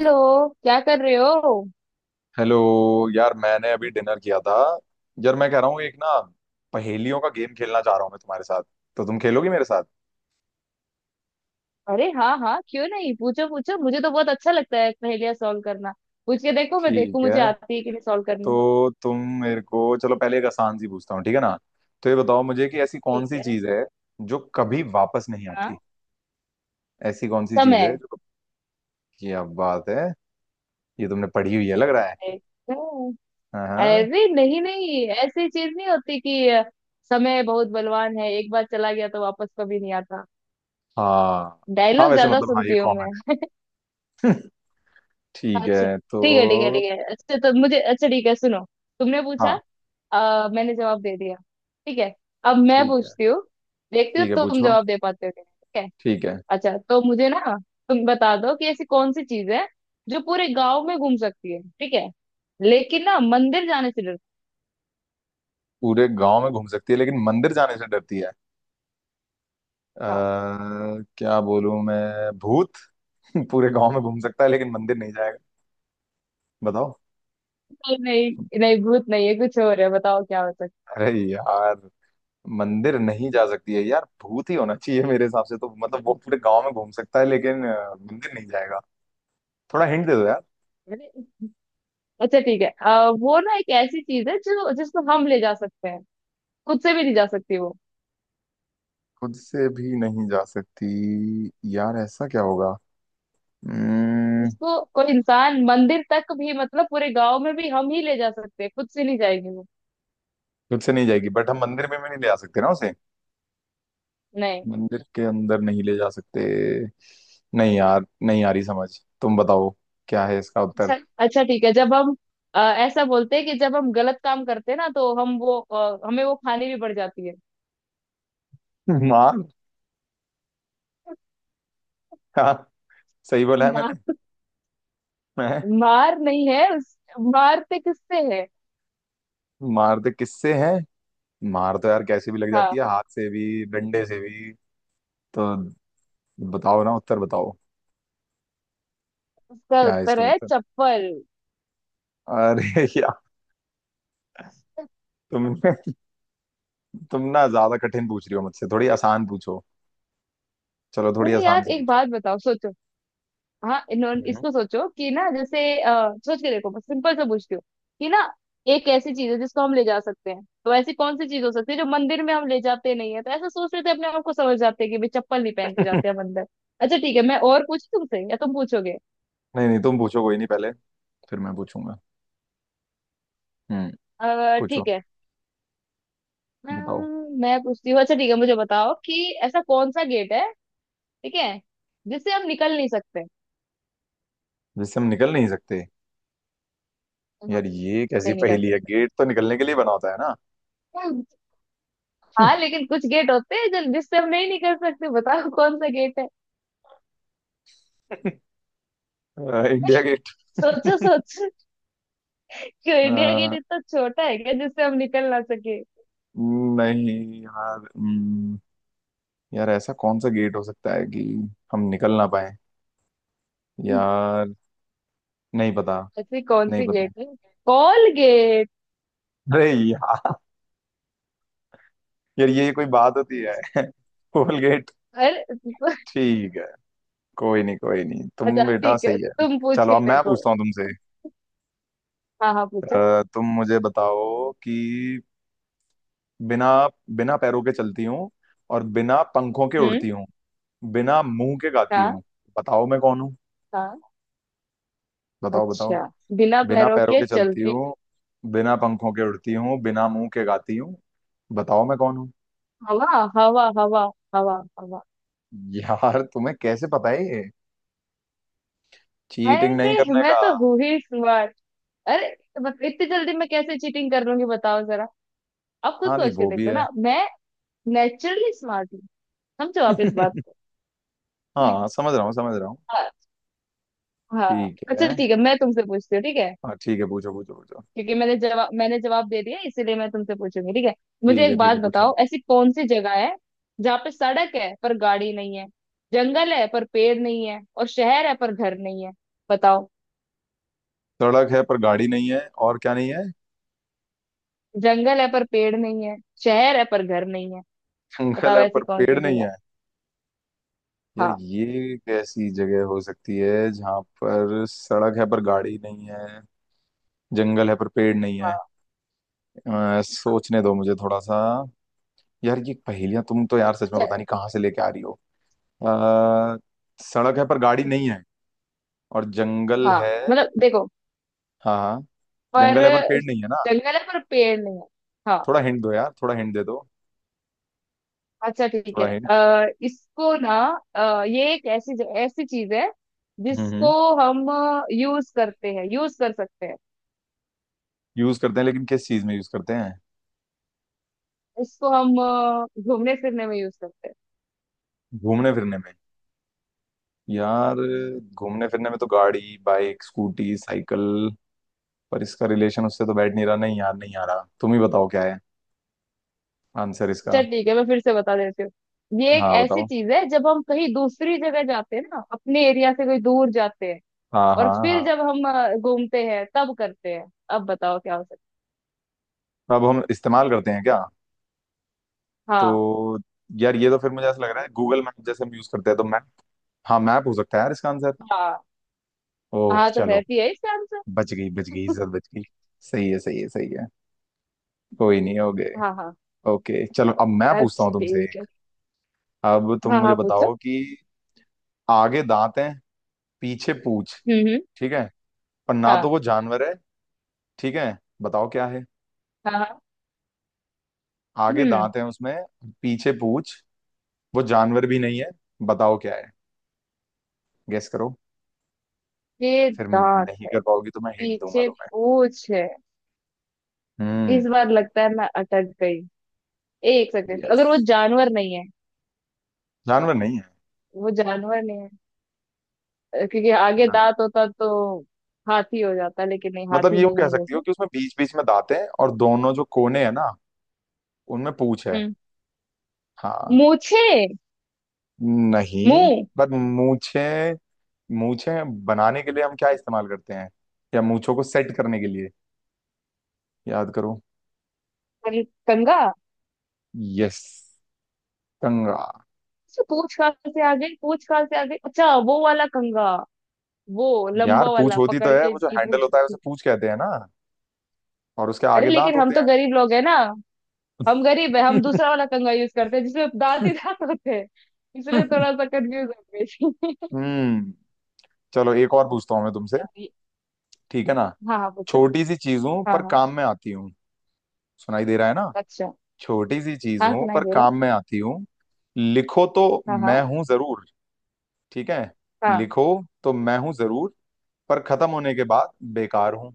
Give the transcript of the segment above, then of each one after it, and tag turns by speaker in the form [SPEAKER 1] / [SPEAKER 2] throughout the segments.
[SPEAKER 1] Hello. क्या कर रहे हो?
[SPEAKER 2] हेलो। यार मैंने अभी डिनर किया था। यार मैं कह रहा हूँ एक ना, पहेलियों का गेम खेलना चाह रहा हूँ मैं तुम्हारे साथ। तो तुम खेलोगी मेरे साथ?
[SPEAKER 1] अरे हाँ हाँ, क्यों नहीं, पूछो पूछो, मुझे तो बहुत अच्छा लगता है पहेलियां सॉल्व करना। पूछ के देखो, मैं देखूं
[SPEAKER 2] ठीक
[SPEAKER 1] मुझे
[SPEAKER 2] है,
[SPEAKER 1] आती है कि नहीं सॉल्व करनी।
[SPEAKER 2] तो तुम मेरे को, चलो पहले एक आसान सी पूछता हूँ, ठीक है ना। तो ये बताओ मुझे कि ऐसी कौन
[SPEAKER 1] ठीक
[SPEAKER 2] सी
[SPEAKER 1] है।
[SPEAKER 2] चीज़ है जो कभी वापस नहीं
[SPEAKER 1] हाँ।
[SPEAKER 2] आती। ऐसी कौन सी चीज़ है
[SPEAKER 1] समय।
[SPEAKER 2] जो क्या बात है, ये तुमने पढ़ी हुई है लग रहा है।
[SPEAKER 1] एकदम।
[SPEAKER 2] हाँ,
[SPEAKER 1] अरे नहीं नहीं, ऐसी चीज नहीं होती कि समय बहुत बलवान है, एक बार चला गया तो वापस कभी नहीं आता।
[SPEAKER 2] हाँ, हाँ,
[SPEAKER 1] डायलॉग
[SPEAKER 2] वैसे
[SPEAKER 1] ज्यादा
[SPEAKER 2] मतलब हाँ, ये
[SPEAKER 1] सुनती हूँ
[SPEAKER 2] कॉमन
[SPEAKER 1] मैं।
[SPEAKER 2] है। ठीक
[SPEAKER 1] अच्छा।
[SPEAKER 2] है
[SPEAKER 1] ठीक है ठीक है
[SPEAKER 2] तो।
[SPEAKER 1] ठीक है अच्छा, तो मुझे, अच्छा ठीक है, सुनो, तुमने पूछा,
[SPEAKER 2] हाँ
[SPEAKER 1] मैंने जवाब दे दिया, ठीक है? अब मैं
[SPEAKER 2] ठीक है।
[SPEAKER 1] पूछती हूँ, देखती हूँ
[SPEAKER 2] ठीक है,
[SPEAKER 1] तुम
[SPEAKER 2] पूछो।
[SPEAKER 1] जवाब दे पाते हो कि नहीं, ठीक है?
[SPEAKER 2] ठीक है।
[SPEAKER 1] अच्छा तो मुझे ना, तुम बता दो कि ऐसी कौन सी चीज है जो पूरे गांव में घूम सकती है, ठीक है, लेकिन ना मंदिर जाने से डरती
[SPEAKER 2] पूरे गांव में घूम सकती है लेकिन मंदिर जाने से डरती है।
[SPEAKER 1] है। हाँ।
[SPEAKER 2] अ क्या बोलूं मैं? भूत। पूरे गांव में घूम सकता है लेकिन मंदिर नहीं जाएगा। बताओ।
[SPEAKER 1] नहीं नहीं नहीं, भूत नहीं है, कुछ और है, बताओ क्या हो सकता
[SPEAKER 2] अरे यार, मंदिर नहीं जा सकती है यार, भूत ही होना चाहिए मेरे हिसाब से तो, मतलब वो पूरे गांव में घूम सकता है लेकिन मंदिर नहीं जाएगा। थोड़ा हिंट दे दो यार।
[SPEAKER 1] है। अच्छा ठीक है। वो ना एक ऐसी चीज है जो, जिसको हम ले जा सकते हैं, खुद से भी नहीं जा सकती वो।
[SPEAKER 2] खुद से भी नहीं जा सकती? यार ऐसा क्या होगा? हम्म,
[SPEAKER 1] उसको कोई इंसान, मंदिर तक भी मतलब पूरे गांव में भी हम ही ले जा सकते हैं, खुद से नहीं जाएंगे वो।
[SPEAKER 2] खुद से नहीं जाएगी, बट हम मंदिर में भी नहीं ले आ सकते ना उसे।
[SPEAKER 1] नहीं।
[SPEAKER 2] मंदिर के अंदर नहीं ले जा सकते। नहीं यार, नहीं आ रही समझ। तुम बताओ, क्या है इसका उत्तर?
[SPEAKER 1] अच्छा। अच्छा ठीक है। जब हम ऐसा बोलते हैं कि जब हम गलत काम करते हैं ना, तो हम वो, हमें वो खानी भी पड़ जाती है।
[SPEAKER 2] मार। हाँ, सही बोला है
[SPEAKER 1] मार।
[SPEAKER 2] मैंने। मैं,
[SPEAKER 1] मार नहीं है उस, मारते किससे है?
[SPEAKER 2] मार तो किससे है? मार तो यार कैसे भी लग जाती
[SPEAKER 1] हाँ।
[SPEAKER 2] है, हाथ से भी डंडे से भी। तो बताओ ना उत्तर, बताओ
[SPEAKER 1] उसका
[SPEAKER 2] क्या है
[SPEAKER 1] उत्तर
[SPEAKER 2] इसका
[SPEAKER 1] है
[SPEAKER 2] उत्तर।
[SPEAKER 1] चप्पल।
[SPEAKER 2] अरे यार, तुम तुम ना ज्यादा कठिन पूछ रही हो मुझसे, थोड़ी आसान पूछो। चलो थोड़ी
[SPEAKER 1] अरे
[SPEAKER 2] आसान
[SPEAKER 1] यार,
[SPEAKER 2] सी
[SPEAKER 1] एक
[SPEAKER 2] पूछो।
[SPEAKER 1] बात बताओ, सोचो। हाँ इन्होंने
[SPEAKER 2] हम्म।
[SPEAKER 1] इसको, सोचो कि ना जैसे, सोच के देखो, बस सिंपल से पूछती हूँ कि ना, एक ऐसी चीज है जिसको हम ले जा सकते हैं, तो ऐसी कौन सी चीज हो सकती है जो मंदिर में हम ले जाते नहीं है, तो ऐसा सोच रहे थे अपने आप को समझ जाते हैं कि भाई चप्पल नहीं पहन के जाते हम अंदर। अच्छा ठीक है, मैं और पूछूं तुमसे या तुम पूछोगे?
[SPEAKER 2] नहीं नहीं, तुम पूछो कोई नहीं पहले, फिर मैं पूछूंगा। हम्म। पूछो।
[SPEAKER 1] ठीक है।
[SPEAKER 2] बताओ।
[SPEAKER 1] मैं पूछती हूँ। अच्छा ठीक है, मुझे बताओ कि ऐसा कौन सा गेट है, ठीक है, जिससे हम निकल नहीं सकते।
[SPEAKER 2] जिससे हम निकल नहीं सकते?
[SPEAKER 1] हाँ।
[SPEAKER 2] यार ये कैसी
[SPEAKER 1] नहीं निकल
[SPEAKER 2] पहेली है,
[SPEAKER 1] सकते।
[SPEAKER 2] गेट तो निकलने के लिए बना होता है ना।
[SPEAKER 1] हाँ लेकिन कुछ गेट होते हैं जो, जिससे हम नहीं निकल सकते, बताओ कौन सा गेट है।
[SPEAKER 2] India Gate.
[SPEAKER 1] सोचो सोचो। क्यों, इंडिया गेट इतना छोटा है क्या जिससे हम निकल ना सके?
[SPEAKER 2] नहीं यार, यार ऐसा कौन सा गेट हो सकता है कि हम निकल ना पाए। यार नहीं पता,
[SPEAKER 1] ऐसी कौन
[SPEAKER 2] नहीं
[SPEAKER 1] सी
[SPEAKER 2] पता।
[SPEAKER 1] गेट है? Call gate.
[SPEAKER 2] अरे यार, यार ये कोई बात होती है। कोल गेट।
[SPEAKER 1] अरे।
[SPEAKER 2] ठीक है, कोई नहीं कोई नहीं,
[SPEAKER 1] अच्छा
[SPEAKER 2] तुम बेटा
[SPEAKER 1] ठीक है,
[SPEAKER 2] सही है।
[SPEAKER 1] तुम पूछ
[SPEAKER 2] चलो
[SPEAKER 1] के
[SPEAKER 2] अब मैं
[SPEAKER 1] देखो।
[SPEAKER 2] पूछता हूँ तुमसे।
[SPEAKER 1] हाँ हाँ पूछो।
[SPEAKER 2] तुम मुझे बताओ कि बिना बिना पैरों के चलती हूँ, और बिना पंखों के उड़ती
[SPEAKER 1] हम्म।
[SPEAKER 2] हूँ, बिना मुंह के गाती हूँ,
[SPEAKER 1] हाँ।
[SPEAKER 2] बताओ मैं कौन हूँ।
[SPEAKER 1] हाँ।
[SPEAKER 2] बताओ बताओ।
[SPEAKER 1] अच्छा। बिना
[SPEAKER 2] बिना
[SPEAKER 1] पैरों
[SPEAKER 2] पैरों
[SPEAKER 1] के
[SPEAKER 2] के चलती
[SPEAKER 1] चलती।
[SPEAKER 2] हूँ, बिना पंखों के उड़ती हूँ, बिना मुंह के गाती हूँ, बताओ मैं कौन हूँ।
[SPEAKER 1] हवा। हवा हवा। हवा हवा।
[SPEAKER 2] यार तुम्हें कैसे पता है ये, चीटिंग नहीं
[SPEAKER 1] अरे
[SPEAKER 2] करने
[SPEAKER 1] मैं
[SPEAKER 2] का।
[SPEAKER 1] तो हूँ ही स्मार्ट। अरे, बस इतनी जल्दी मैं कैसे चीटिंग कर लूंगी, बताओ जरा। आप खुद
[SPEAKER 2] हाँ नहीं,
[SPEAKER 1] सोच के
[SPEAKER 2] वो भी
[SPEAKER 1] देखो
[SPEAKER 2] है।
[SPEAKER 1] ना, मैं नेचुरली स्मार्ट हूँ। समझो आप इस बात
[SPEAKER 2] हाँ, समझ
[SPEAKER 1] को।
[SPEAKER 2] रहा हूँ समझ रहा हूँ।
[SPEAKER 1] हाँ।
[SPEAKER 2] ठीक
[SPEAKER 1] अच्छा
[SPEAKER 2] है।
[SPEAKER 1] ठीक है, मैं तुमसे पूछती हूँ, ठीक है?
[SPEAKER 2] हाँ ठीक है, पूछो पूछो पूछो।
[SPEAKER 1] क्योंकि मैंने जवाब दे दिया, इसीलिए मैं तुमसे पूछूंगी, ठीक है? मुझे एक
[SPEAKER 2] ठीक
[SPEAKER 1] बात
[SPEAKER 2] है पूछो।
[SPEAKER 1] बताओ, ऐसी कौन सी जगह है जहाँ पे सड़क है पर गाड़ी नहीं है, जंगल है पर पेड़ नहीं है, और शहर है पर घर नहीं है? बताओ।
[SPEAKER 2] सड़क है पर गाड़ी नहीं है, और क्या नहीं है?
[SPEAKER 1] जंगल है पर पेड़ नहीं है, शहर है पर घर नहीं है।
[SPEAKER 2] जंगल
[SPEAKER 1] बताओ
[SPEAKER 2] है
[SPEAKER 1] ऐसी
[SPEAKER 2] पर
[SPEAKER 1] कौन
[SPEAKER 2] पेड़
[SPEAKER 1] सी
[SPEAKER 2] नहीं
[SPEAKER 1] जगह।
[SPEAKER 2] है। यार
[SPEAKER 1] हाँ।
[SPEAKER 2] ये कैसी जगह हो सकती है जहाँ पर सड़क है पर गाड़ी नहीं है, जंगल है पर पेड़ नहीं है।
[SPEAKER 1] हाँ। हाँ।
[SPEAKER 2] सोचने दो मुझे थोड़ा सा। यार ये पहेलियां तुम तो यार सच में
[SPEAKER 1] अच्छा।
[SPEAKER 2] पता नहीं कहाँ से लेके आ रही हो। आ, सड़क है पर गाड़ी नहीं है, और जंगल
[SPEAKER 1] हाँ।
[SPEAKER 2] है,
[SPEAKER 1] मतलब देखो।
[SPEAKER 2] हाँ हाँ,
[SPEAKER 1] पर।
[SPEAKER 2] जंगल है पर पेड़ नहीं है ना।
[SPEAKER 1] जंगल है पर पेड़ नहीं है। हाँ।
[SPEAKER 2] थोड़ा हिंट दो यार, थोड़ा हिंट दे दो,
[SPEAKER 1] अच्छा ठीक है।
[SPEAKER 2] थोड़ा हिंट।
[SPEAKER 1] इसको ना, ये एक ऐसी, ऐसी चीज है
[SPEAKER 2] हम्म।
[SPEAKER 1] जिसको हम यूज करते हैं, यूज कर सकते हैं।
[SPEAKER 2] यूज करते हैं लेकिन किस चीज में यूज करते हैं?
[SPEAKER 1] इसको हम घूमने फिरने में यूज करते हैं।
[SPEAKER 2] घूमने फिरने में? यार घूमने फिरने में तो गाड़ी, बाइक, स्कूटी, साइकिल, पर इसका रिलेशन उससे तो बैठ नहीं रहा। नहीं यार नहीं आ रहा, तुम ही बताओ क्या है आंसर इसका।
[SPEAKER 1] अच्छा ठीक है, मैं फिर से बता देती हूँ। ये एक
[SPEAKER 2] हाँ
[SPEAKER 1] ऐसी
[SPEAKER 2] बताओ।
[SPEAKER 1] चीज है जब हम कहीं दूसरी जगह जाते हैं ना, अपने एरिया से कोई दूर जाते हैं,
[SPEAKER 2] हाँ
[SPEAKER 1] और
[SPEAKER 2] हाँ
[SPEAKER 1] फिर
[SPEAKER 2] हाँ।
[SPEAKER 1] जब हम घूमते हैं तब करते हैं। अब बताओ क्या हो सकता
[SPEAKER 2] तो अब हम इस्तेमाल करते हैं क्या?
[SPEAKER 1] है। हाँ।
[SPEAKER 2] तो यार ये तो फिर मुझे ऐसा लग रहा है गूगल मैप जैसे हम यूज करते हैं, तो मैप। हाँ मैप हो सकता है यार इसका आंसर।
[SPEAKER 1] हाँ
[SPEAKER 2] ओह
[SPEAKER 1] हाँ तो
[SPEAKER 2] चलो,
[SPEAKER 1] रहती है इसका आंसर।
[SPEAKER 2] बच गई बच गई, इज्जत बच गई। सही है सही है सही है। कोई नहीं, हो गए।
[SPEAKER 1] हाँ हाँ।
[SPEAKER 2] ओके, चलो अब मैं पूछता
[SPEAKER 1] अच्छा
[SPEAKER 2] हूँ तुमसे
[SPEAKER 1] ठीक
[SPEAKER 2] एक।
[SPEAKER 1] है।
[SPEAKER 2] अब तुम
[SPEAKER 1] हाँ
[SPEAKER 2] मुझे
[SPEAKER 1] हाँ पूछो।
[SPEAKER 2] बताओ कि आगे दांत हैं, पीछे पूंछ,
[SPEAKER 1] हम्म।
[SPEAKER 2] ठीक है, पर ना तो
[SPEAKER 1] हाँ
[SPEAKER 2] वो जानवर है, ठीक है, बताओ क्या है।
[SPEAKER 1] हाँ हाँ।
[SPEAKER 2] आगे
[SPEAKER 1] हम्म।
[SPEAKER 2] दांत हैं उसमें, पीछे पूंछ, वो जानवर भी नहीं है, बताओ क्या है, गेस करो।
[SPEAKER 1] ये
[SPEAKER 2] फिर
[SPEAKER 1] दांत
[SPEAKER 2] नहीं
[SPEAKER 1] है,
[SPEAKER 2] कर पाओगी तो मैं हिंट दूंगा
[SPEAKER 1] पीछे
[SPEAKER 2] तुम्हें।
[SPEAKER 1] पूछ है।
[SPEAKER 2] हम्म।
[SPEAKER 1] इस बार लगता है मैं अटक गई। एक सेकंड,
[SPEAKER 2] यस,
[SPEAKER 1] अगर वो जानवर नहीं है,
[SPEAKER 2] जानवर नहीं है
[SPEAKER 1] वो जानवर नहीं है, क्योंकि आगे
[SPEAKER 2] ना।
[SPEAKER 1] दांत होता तो हाथी हो जाता, लेकिन नहीं
[SPEAKER 2] मतलब
[SPEAKER 1] हाथी
[SPEAKER 2] ये, वो
[SPEAKER 1] नहीं
[SPEAKER 2] कह
[SPEAKER 1] है
[SPEAKER 2] सकती हो
[SPEAKER 1] जैसे।
[SPEAKER 2] कि उसमें बीच बीच में दांत हैं और दोनों जो कोने हैं ना, उनमें पूंछ है।
[SPEAKER 1] हम्म।
[SPEAKER 2] हाँ।
[SPEAKER 1] मूछे।
[SPEAKER 2] नहीं।
[SPEAKER 1] मुंह।
[SPEAKER 2] पर मूछे, मूछे बनाने के लिए हम क्या इस्तेमाल करते हैं, या मूछों को सेट करने के लिए, याद करो।
[SPEAKER 1] कंघा।
[SPEAKER 2] यस, कंघा।
[SPEAKER 1] अच्छा, पूछ कहाँ से आ गई? पूछ कहाँ से आ गई? अच्छा वो वाला कंघा, वो
[SPEAKER 2] यार
[SPEAKER 1] लंबा
[SPEAKER 2] पूंछ
[SPEAKER 1] वाला
[SPEAKER 2] होती तो
[SPEAKER 1] पकड़
[SPEAKER 2] है,
[SPEAKER 1] के,
[SPEAKER 2] वो जो
[SPEAKER 1] जिसकी
[SPEAKER 2] हैंडल
[SPEAKER 1] पूछ।
[SPEAKER 2] होता है उसे पूंछ कहते हैं ना, और उसके
[SPEAKER 1] अरे
[SPEAKER 2] आगे दांत
[SPEAKER 1] लेकिन हम
[SPEAKER 2] होते
[SPEAKER 1] तो
[SPEAKER 2] हैं।
[SPEAKER 1] गरीब लोग है ना, हम गरीब है, हम दूसरा वाला कंघा यूज करते हैं जिसमें दांत ही दांत होते हैं, इसलिए थोड़ा सा कंफ्यूज हो गई थी।
[SPEAKER 2] हम्म। चलो एक और पूछता हूँ मैं तुमसे,
[SPEAKER 1] ये-
[SPEAKER 2] ठीक है ना।
[SPEAKER 1] हाँ हाँ पूछो।
[SPEAKER 2] छोटी सी चीजों
[SPEAKER 1] हाँ
[SPEAKER 2] पर
[SPEAKER 1] हाँ।
[SPEAKER 2] काम में आती हूँ, सुनाई दे रहा है ना।
[SPEAKER 1] अच्छा।
[SPEAKER 2] छोटी सी चीज
[SPEAKER 1] हाँ
[SPEAKER 2] हूं
[SPEAKER 1] सुनाई
[SPEAKER 2] पर
[SPEAKER 1] दे रहा।
[SPEAKER 2] काम में आती हूँ, लिखो तो
[SPEAKER 1] हाँ हाँ।
[SPEAKER 2] मैं हूं जरूर, ठीक है, लिखो तो मैं हूं जरूर, पर खत्म होने के बाद बेकार हूं,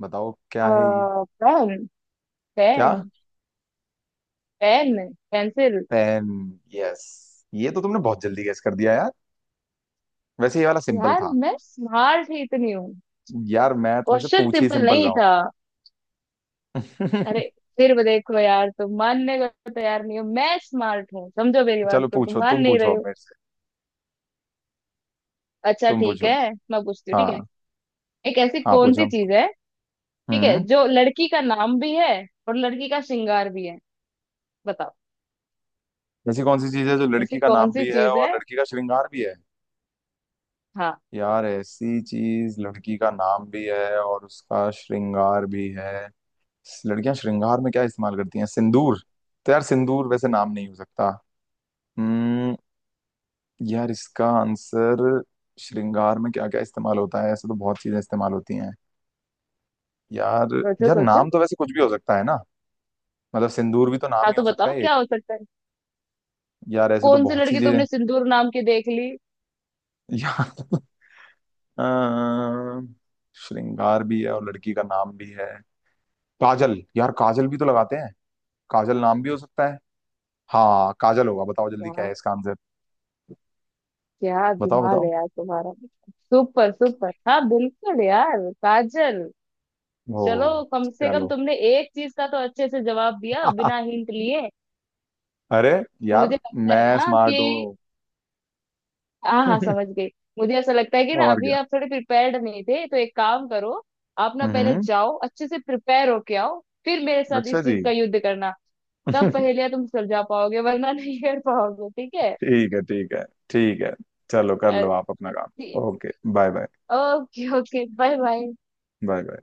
[SPEAKER 2] बताओ क्या है ये।
[SPEAKER 1] हाँ। पेन।
[SPEAKER 2] क्या?
[SPEAKER 1] Pen. Pen. Pencil.
[SPEAKER 2] Pen? Yes. ये तो तुमने बहुत जल्दी गेस कर दिया यार, वैसे ये वाला सिंपल
[SPEAKER 1] यार
[SPEAKER 2] था।
[SPEAKER 1] मैं स्मार्ट ही इतनी हूँ।
[SPEAKER 2] यार मैं तुमसे
[SPEAKER 1] क्वेश्चन
[SPEAKER 2] पूछ ही
[SPEAKER 1] सिंपल
[SPEAKER 2] सिंपल
[SPEAKER 1] नहीं
[SPEAKER 2] रहा
[SPEAKER 1] था। अरे,
[SPEAKER 2] हूँ।
[SPEAKER 1] फिर भी देखो यार, तुम मानने को तो तैयार नहीं हो, मैं स्मार्ट हूँ, समझो मेरी बात
[SPEAKER 2] चलो
[SPEAKER 1] को, तुम
[SPEAKER 2] पूछो,
[SPEAKER 1] मान
[SPEAKER 2] तुम
[SPEAKER 1] नहीं
[SPEAKER 2] पूछो
[SPEAKER 1] रहे
[SPEAKER 2] अब
[SPEAKER 1] हो।
[SPEAKER 2] मेरे से,
[SPEAKER 1] अच्छा
[SPEAKER 2] तुम
[SPEAKER 1] ठीक
[SPEAKER 2] पूछो।
[SPEAKER 1] है, मैं पूछती हूँ, ठीक है?
[SPEAKER 2] हाँ
[SPEAKER 1] एक ऐसी
[SPEAKER 2] हाँ
[SPEAKER 1] कौन सी
[SPEAKER 2] पूछो।
[SPEAKER 1] चीज है, ठीक है,
[SPEAKER 2] हम्म।
[SPEAKER 1] जो लड़की का नाम भी है और लड़की का श्रृंगार भी है? बताओ।
[SPEAKER 2] ऐसी कौन सी चीज है जो लड़की
[SPEAKER 1] ऐसी
[SPEAKER 2] का
[SPEAKER 1] कौन
[SPEAKER 2] नाम
[SPEAKER 1] सी
[SPEAKER 2] भी है
[SPEAKER 1] चीज
[SPEAKER 2] और
[SPEAKER 1] है?
[SPEAKER 2] लड़की का श्रृंगार भी है?
[SPEAKER 1] हाँ।
[SPEAKER 2] यार ऐसी चीज लड़की का नाम भी है और उसका श्रृंगार भी है, लड़कियां श्रृंगार में क्या इस्तेमाल करती हैं, सिंदूर, तो यार सिंदूर वैसे नाम नहीं हो सकता। हम्म। यार इसका आंसर, श्रृंगार में क्या क्या इस्तेमाल होता है, ऐसे तो बहुत चीजें इस्तेमाल होती हैं यार।
[SPEAKER 1] सोचो
[SPEAKER 2] यार
[SPEAKER 1] सोचो।
[SPEAKER 2] नाम तो वैसे कुछ भी हो सकता है ना, मतलब सिंदूर भी तो नाम
[SPEAKER 1] हाँ
[SPEAKER 2] ही
[SPEAKER 1] तो
[SPEAKER 2] हो सकता
[SPEAKER 1] बताओ
[SPEAKER 2] है एक।
[SPEAKER 1] क्या हो सकता है।
[SPEAKER 2] यार ऐसे तो
[SPEAKER 1] कौन सी
[SPEAKER 2] बहुत सी
[SPEAKER 1] लड़की
[SPEAKER 2] चीजें।
[SPEAKER 1] तुमने सिंदूर नाम की देख ली?
[SPEAKER 2] यार, अम, श्रृंगार भी है और लड़की का नाम भी है, काजल, यार काजल भी तो लगाते हैं, काजल नाम भी हो सकता है। हाँ काजल होगा, बताओ जल्दी क्या
[SPEAKER 1] यार
[SPEAKER 2] है इसका आंसर।
[SPEAKER 1] क्या
[SPEAKER 2] बताओ
[SPEAKER 1] दिमाग
[SPEAKER 2] बताओ।
[SPEAKER 1] है यार तुम्हारा। Super super. हाँ बिल्कुल यार, काजल।
[SPEAKER 2] ओ
[SPEAKER 1] चलो, कम से कम
[SPEAKER 2] चलो।
[SPEAKER 1] तुमने एक चीज का तो अच्छे से जवाब दिया बिना हिंट लिए।
[SPEAKER 2] अरे यार,
[SPEAKER 1] मुझे लगता है
[SPEAKER 2] मैं
[SPEAKER 1] ना
[SPEAKER 2] स्मार्ट
[SPEAKER 1] कि,
[SPEAKER 2] हूँ।
[SPEAKER 1] हाँ हाँ समझ गई। मुझे ऐसा लगता है कि ना,
[SPEAKER 2] और
[SPEAKER 1] अभी
[SPEAKER 2] क्या।
[SPEAKER 1] आप थोड़े प्रिपेयर्ड नहीं थे, तो एक काम करो, आप ना पहले
[SPEAKER 2] हम्म।
[SPEAKER 1] जाओ, अच्छे से प्रिपेयर होके आओ, फिर मेरे साथ
[SPEAKER 2] अच्छा
[SPEAKER 1] इस
[SPEAKER 2] जी।
[SPEAKER 1] चीज का युद्ध करना। तब
[SPEAKER 2] ठीक
[SPEAKER 1] पहेलियां तुम सुलझा पाओगे, वरना नहीं कर पाओगे, ठीक है?
[SPEAKER 2] है, ठीक है ठीक है। चलो कर लो आप अपना काम। Okay bye bye.
[SPEAKER 1] Okay. Okay bye bye.
[SPEAKER 2] Bye bye.